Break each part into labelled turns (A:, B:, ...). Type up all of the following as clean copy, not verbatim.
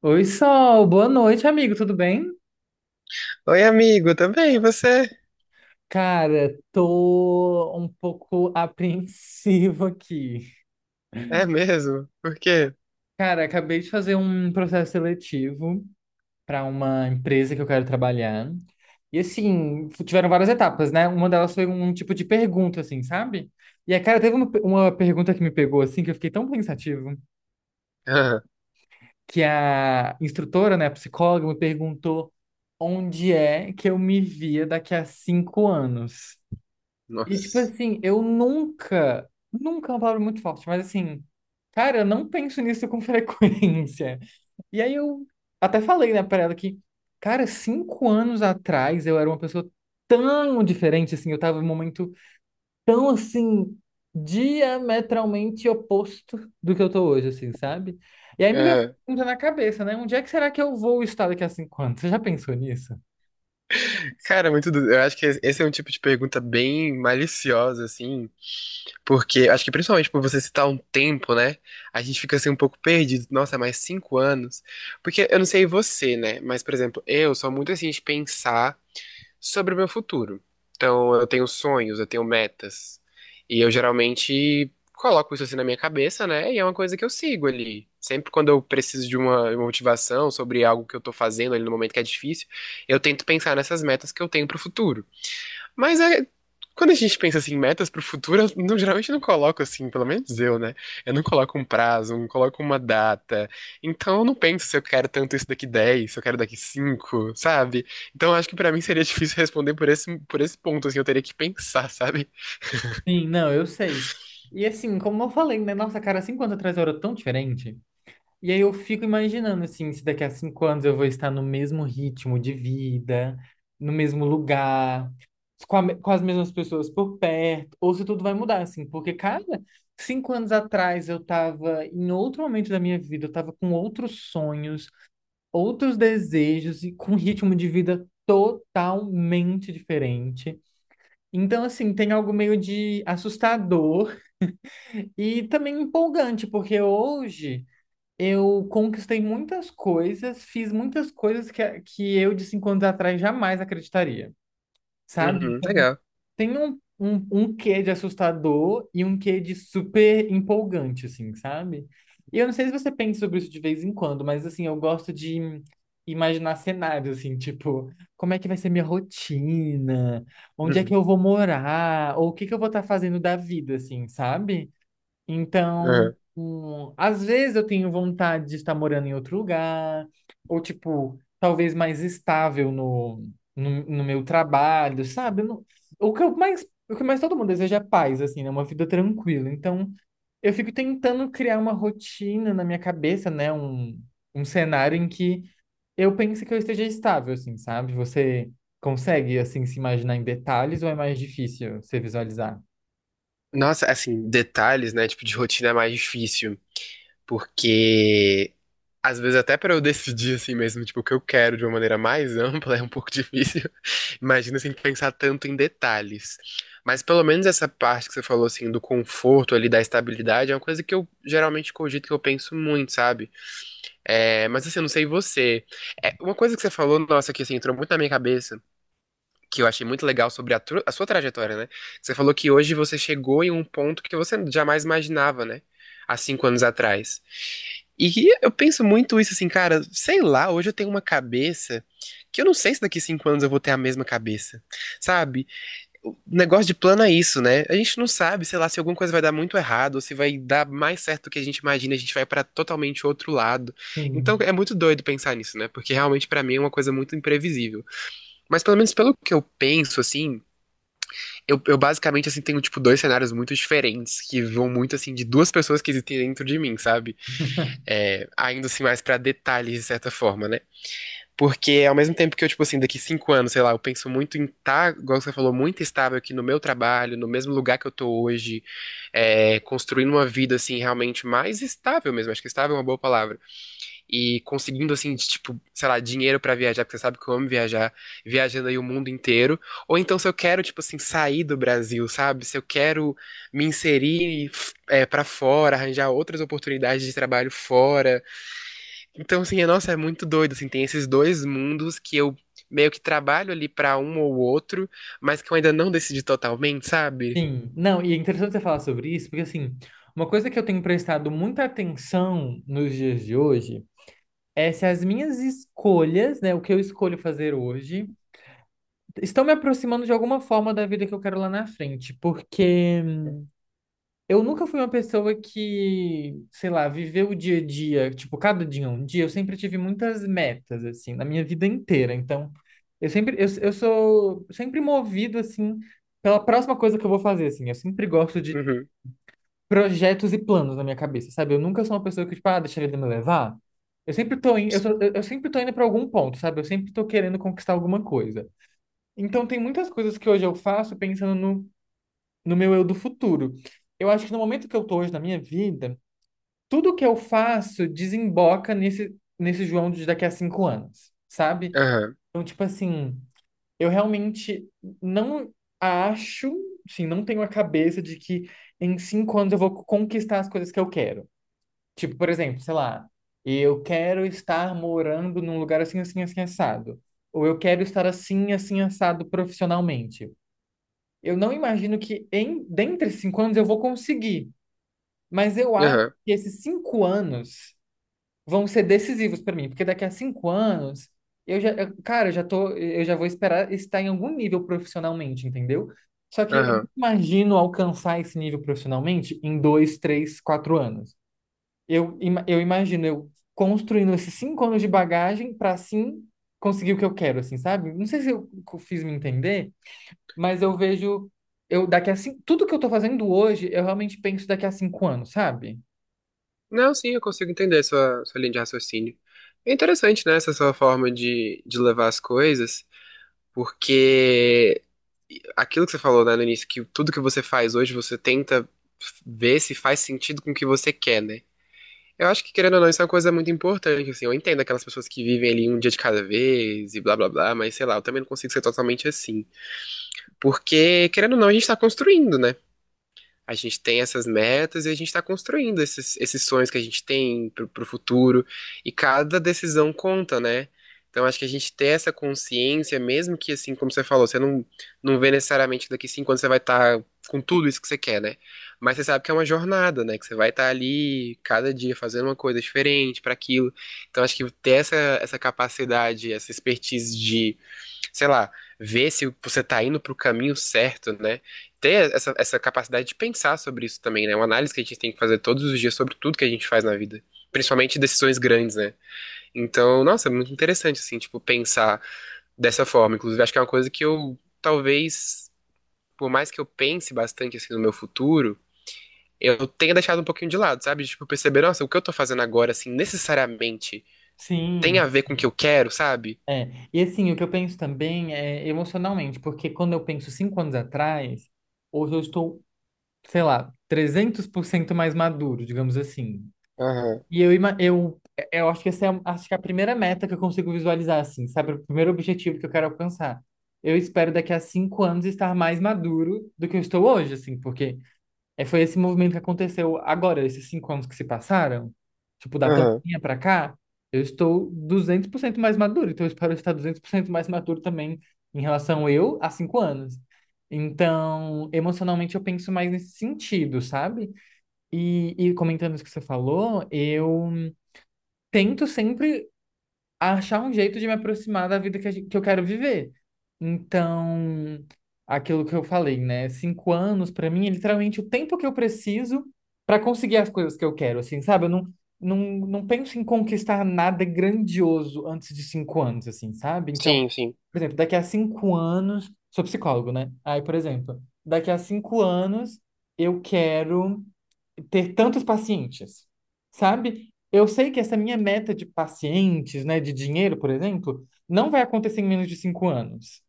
A: Oi, Sol, boa noite, amigo, tudo bem?
B: Oi, amigo, tá bem? E você?
A: Cara, tô um pouco apreensivo aqui.
B: É mesmo? Por quê?
A: Cara, acabei de fazer um processo seletivo para uma empresa que eu quero trabalhar. E assim, tiveram várias etapas, né? Uma delas foi um tipo de pergunta, assim, sabe? E a cara teve uma pergunta que me pegou, assim, que eu fiquei tão pensativo,
B: Ah,
A: que a instrutora, né, a psicóloga, me perguntou onde é que eu me via daqui a 5 anos. E, tipo
B: nossa.
A: assim, eu nunca, nunca é uma palavra muito forte, mas assim, cara, eu não penso nisso com frequência. E aí eu até falei, né, pra ela que, cara, 5 anos atrás eu era uma pessoa tão diferente, assim, eu tava em um momento tão, assim, diametralmente oposto do que eu tô hoje, assim, sabe? E aí me veio essa
B: Ah,
A: pergunta na cabeça, né? Onde é que será que eu vou estar daqui a 5 anos? Você já pensou nisso?
B: cara, é muito. Eu acho que esse é um tipo de pergunta bem maliciosa, assim, porque acho que principalmente por você citar um tempo, né? A gente fica assim um pouco perdido. Nossa, mais 5 anos. Porque eu não sei você, né? Mas, por exemplo, eu sou muito assim de pensar sobre o meu futuro. Então, eu tenho sonhos, eu tenho metas. E eu geralmente coloco isso assim na minha cabeça, né? E é uma coisa que eu sigo ali. Sempre quando eu preciso de uma motivação sobre algo que eu tô fazendo ali no momento que é difícil, eu tento pensar nessas metas que eu tenho pro futuro. Mas é, quando a gente pensa assim, em metas pro futuro, eu não- geralmente não coloco assim, pelo menos eu, né? Eu não coloco um prazo, não coloco uma data. Então eu não penso se eu quero tanto isso daqui 10, se eu quero daqui 5, sabe? Então eu acho que pra mim seria difícil responder por esse ponto, assim, eu teria que pensar, sabe?
A: Sim, não, eu sei. E assim, como eu falei, né? Nossa, cara, 5 anos atrás eu era tão diferente. E aí eu fico imaginando, assim, se daqui a 5 anos eu vou estar no mesmo ritmo de vida, no mesmo lugar, com as mesmas pessoas por perto, ou se tudo vai mudar, assim. Porque, cara, 5 anos atrás eu tava em outro momento da minha vida, eu tava com outros sonhos, outros desejos e com um ritmo de vida totalmente diferente. Então, assim, tem algo meio de assustador e também empolgante, porque hoje eu conquistei muitas coisas, fiz muitas coisas que eu de 5 anos atrás jamais acreditaria, sabe?
B: Uhum,
A: Então,
B: legal.
A: tem um quê de assustador e um quê de super empolgante, assim, sabe? E eu não sei se você pensa sobre isso de vez em quando, mas assim, eu gosto de imaginar cenários, assim, tipo, como é que vai ser minha rotina? Onde é que
B: Uhum.
A: eu vou morar? Ou o que que eu vou estar fazendo da vida, assim, sabe? Então,
B: Aham.
A: às vezes eu tenho vontade de estar morando em outro lugar, ou tipo, talvez mais estável no meu trabalho, sabe? Eu não- o que eu mais, o que mais todo mundo deseja é paz, assim, né? Uma vida tranquila. Então, eu fico tentando criar uma rotina na minha cabeça, né? Um cenário em que eu pense que eu esteja estável, assim, sabe? Você consegue, assim, se imaginar em detalhes ou é mais difícil você visualizar?
B: Nossa, assim, detalhes, né? Tipo, de rotina é mais difícil. Porque às vezes até pra eu decidir assim mesmo, tipo, o que eu quero de uma maneira mais ampla é um pouco difícil. Imagina sem pensar tanto em detalhes. Mas pelo menos essa parte que você falou assim do conforto ali, da estabilidade, é uma coisa que eu geralmente cogito, que eu penso muito, sabe? É, mas assim, eu não sei você. É, uma coisa que você falou, nossa, que assim, entrou muito na minha cabeça, que eu achei muito legal sobre a sua trajetória, né? Você falou que hoje você chegou em um ponto que você jamais imaginava, né? Há 5 anos atrás. E eu penso muito isso assim, cara, sei lá, hoje eu tenho uma cabeça que eu não sei se daqui 5 anos eu vou ter a mesma cabeça, sabe? O negócio de plano é isso, né? A gente não sabe, sei lá, se alguma coisa vai dar muito errado, ou se vai dar mais certo do que a gente imagina, a gente vai pra totalmente outro lado. Então
A: Sim.
B: é muito doido pensar nisso, né? Porque realmente pra mim é uma coisa muito imprevisível. Mas pelo menos pelo que eu penso, assim, eu basicamente assim tenho tipo dois cenários muito diferentes que vão muito assim de duas pessoas que existem dentro de mim, sabe? É, ainda assim mais pra detalhes, de certa forma, né? Porque ao mesmo tempo que eu, tipo assim, daqui 5 anos, sei lá, eu penso muito em estar, igual você falou, muito estável aqui no meu trabalho, no mesmo lugar que eu tô hoje, é, construindo uma vida, assim, realmente mais estável mesmo, acho que estável é uma boa palavra. E conseguindo, assim, de, tipo, sei lá, dinheiro pra viajar, porque você sabe que eu amo viajar, viajando aí o mundo inteiro. Ou então se eu quero, tipo assim, sair do Brasil, sabe? Se eu quero me inserir, é, para fora, arranjar outras oportunidades de trabalho fora. Então, assim, é- nossa, é muito doido, assim, tem esses dois mundos que eu meio que trabalho ali pra um ou outro, mas que eu ainda não decidi totalmente, sabe?
A: Sim, não, e é interessante você falar sobre isso, porque assim, uma coisa que eu tenho prestado muita atenção nos dias de hoje é se as minhas escolhas, né, o que eu escolho fazer hoje, estão me aproximando de alguma forma da vida que eu quero lá na frente, porque eu nunca fui uma pessoa que, sei lá, viveu o dia a dia, tipo, cada dia é um dia, eu sempre tive muitas metas, assim, na minha vida inteira, então, eu sou sempre movido, assim, pela próxima coisa que eu vou fazer, assim, eu sempre gosto de
B: Uhum,
A: projetos e planos na minha cabeça, sabe? Eu nunca sou uma pessoa que, tipo, ah, deixa a vida me levar. Eu sempre tô indo para algum ponto, sabe? Eu sempre tô querendo conquistar alguma coisa. Então, tem muitas coisas que hoje eu faço pensando no meu eu do futuro. Eu acho que no momento que eu tô hoje na minha vida, tudo que eu faço desemboca nesse João de daqui a 5 anos, sabe?
B: aham,
A: Então, tipo assim, eu realmente não acho, assim, não tenho a cabeça de que em 5 anos eu vou conquistar as coisas que eu quero. Tipo, por exemplo, sei lá, eu quero estar morando num lugar assim, assim, assim, assado. Ou eu quero estar assim, assim, assado profissionalmente. Eu não imagino que dentre 5 anos eu vou conseguir, mas eu acho
B: aham,
A: que esses 5 anos vão ser decisivos para mim, porque daqui a 5 anos cara, eu já vou esperar estar em algum nível profissionalmente, entendeu? Só que eu não
B: aham.
A: imagino alcançar esse nível profissionalmente em 2, 3, 4 anos. Eu imagino eu construindo esses 5 anos de bagagem para assim conseguir o que eu quero, assim, sabe? Não sei se fiz me entender, mas eu vejo eu daqui a cinco, tudo que eu tô fazendo hoje, eu realmente penso daqui a 5 anos, sabe?
B: Não, sim, eu consigo entender sua linha de raciocínio. É interessante, né, essa sua forma de levar as coisas, porque aquilo que você falou, né, no início, que tudo que você faz hoje, você tenta ver se faz sentido com o que você quer, né? Eu acho que, querendo ou não, isso é uma coisa muito importante, assim, eu entendo aquelas pessoas que vivem ali um dia de cada vez e blá blá blá, mas sei lá, eu também não consigo ser totalmente assim. Porque, querendo ou não, a gente tá construindo, né? A gente tem essas metas e a gente está construindo esses, esses sonhos que a gente tem para o futuro. E cada decisão conta, né? Então acho que a gente ter essa consciência, mesmo que assim, como você falou, você não vê necessariamente que daqui 5 anos você vai estar com tudo isso que você quer, né? Mas você sabe que é uma jornada, né? Que você vai estar ali cada dia fazendo uma coisa diferente para aquilo. Então acho que ter essa, essa capacidade, essa expertise de, sei lá, ver se você tá indo pro caminho certo, né? Ter essa capacidade de pensar sobre isso também, né? Uma análise que a gente tem que fazer todos os dias sobre tudo que a gente faz na vida. Principalmente decisões grandes, né? Então, nossa, é muito interessante, assim, tipo, pensar dessa forma. Inclusive, acho que é uma coisa que eu, talvez, por mais que eu pense bastante, assim, no meu futuro, eu tenha deixado um pouquinho de lado, sabe? Tipo, perceber, nossa, o que eu tô fazendo agora, assim, necessariamente tem a
A: Sim,
B: ver com o que eu quero, sabe?
A: é. E assim, o que eu penso também é emocionalmente, porque quando eu penso 5 anos atrás, hoje eu estou, sei lá, 300% mais maduro, digamos assim.
B: Aham,
A: E eu acho que é a primeira meta que eu consigo visualizar, assim, sabe? O primeiro objetivo que eu quero alcançar. Eu espero daqui a 5 anos estar mais maduro do que eu estou hoje, assim, porque é, foi esse movimento que aconteceu agora, esses 5 anos que se passaram, tipo, da
B: aham.
A: pandemia pra cá, eu estou 200% mais maduro, então eu espero estar 200% mais maduro também em relação eu a 5 anos. Então, emocionalmente eu penso mais nesse sentido, sabe? E comentando isso que você falou, eu tento sempre achar um jeito de me aproximar da vida que, que eu quero viver. Então, aquilo que eu falei, né? 5 anos, pra mim, é literalmente o tempo que eu preciso pra conseguir as coisas que eu quero, assim, sabe? Eu não, não penso em conquistar nada grandioso antes de 5 anos, assim, sabe? Então,
B: Sim, sim.
A: por exemplo, daqui a 5 anos. Sou psicólogo, né? Aí, por exemplo, daqui a 5 anos eu quero ter tantos pacientes, sabe? Eu sei que essa minha meta de pacientes, né, de dinheiro, por exemplo, não vai acontecer em menos de 5 anos.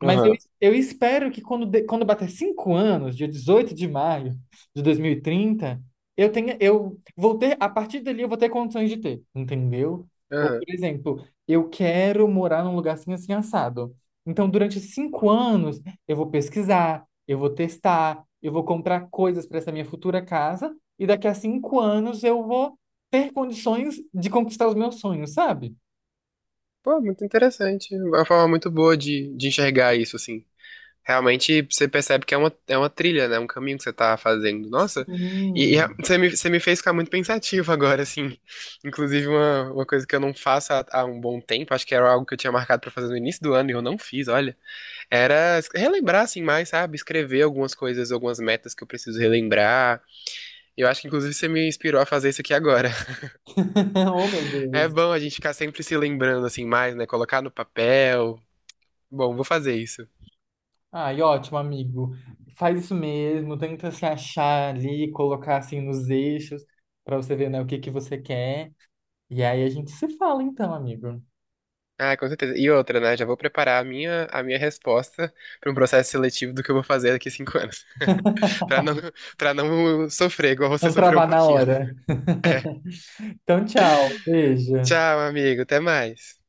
A: Mas eu,
B: Aham.
A: eu espero que quando, quando bater 5 anos, dia 18 de maio de 2030, eu vou ter, a partir dali eu vou ter condições de ter, entendeu? Ou,
B: Aham.
A: por exemplo, eu quero morar num lugar assim, assim, assado. Então, durante 5 anos, eu vou pesquisar, eu vou testar, eu vou comprar coisas para essa minha futura casa, e daqui a 5 anos eu vou ter condições de conquistar os meus sonhos, sabe?
B: Pô, muito interessante. É uma forma muito boa de enxergar isso, assim. Realmente você percebe que é uma trilha, né? Um caminho que você tá fazendo. Nossa, e a-
A: Hum.
B: você me, fez ficar muito pensativo agora, assim. Inclusive, uma coisa que eu não faço há um bom tempo, acho que era algo que eu tinha marcado pra fazer no início do ano e eu não fiz, olha. Relembrar, assim, mais, sabe? Escrever algumas coisas, algumas metas que eu preciso relembrar. Eu acho que, inclusive, você me inspirou a fazer isso aqui agora.
A: Oh, meu
B: É
A: Deus.
B: bom a gente ficar sempre se lembrando, assim, mais, né? Colocar no papel. Bom, vou fazer isso.
A: Ai, ótimo, amigo. Faz isso mesmo, tenta se achar ali, colocar assim nos eixos pra você ver, né, o que que você quer. E aí a gente se fala então, amigo.
B: Ah, com certeza. E outra, né? Já vou preparar a minha, resposta para um processo seletivo do que eu vou fazer daqui a 5 anos. Pra não, Para não sofrer igual você
A: Não
B: sofreu um
A: travar na
B: pouquinho.
A: hora. Então, tchau. Beijo.
B: Tchau, amigo. Até mais.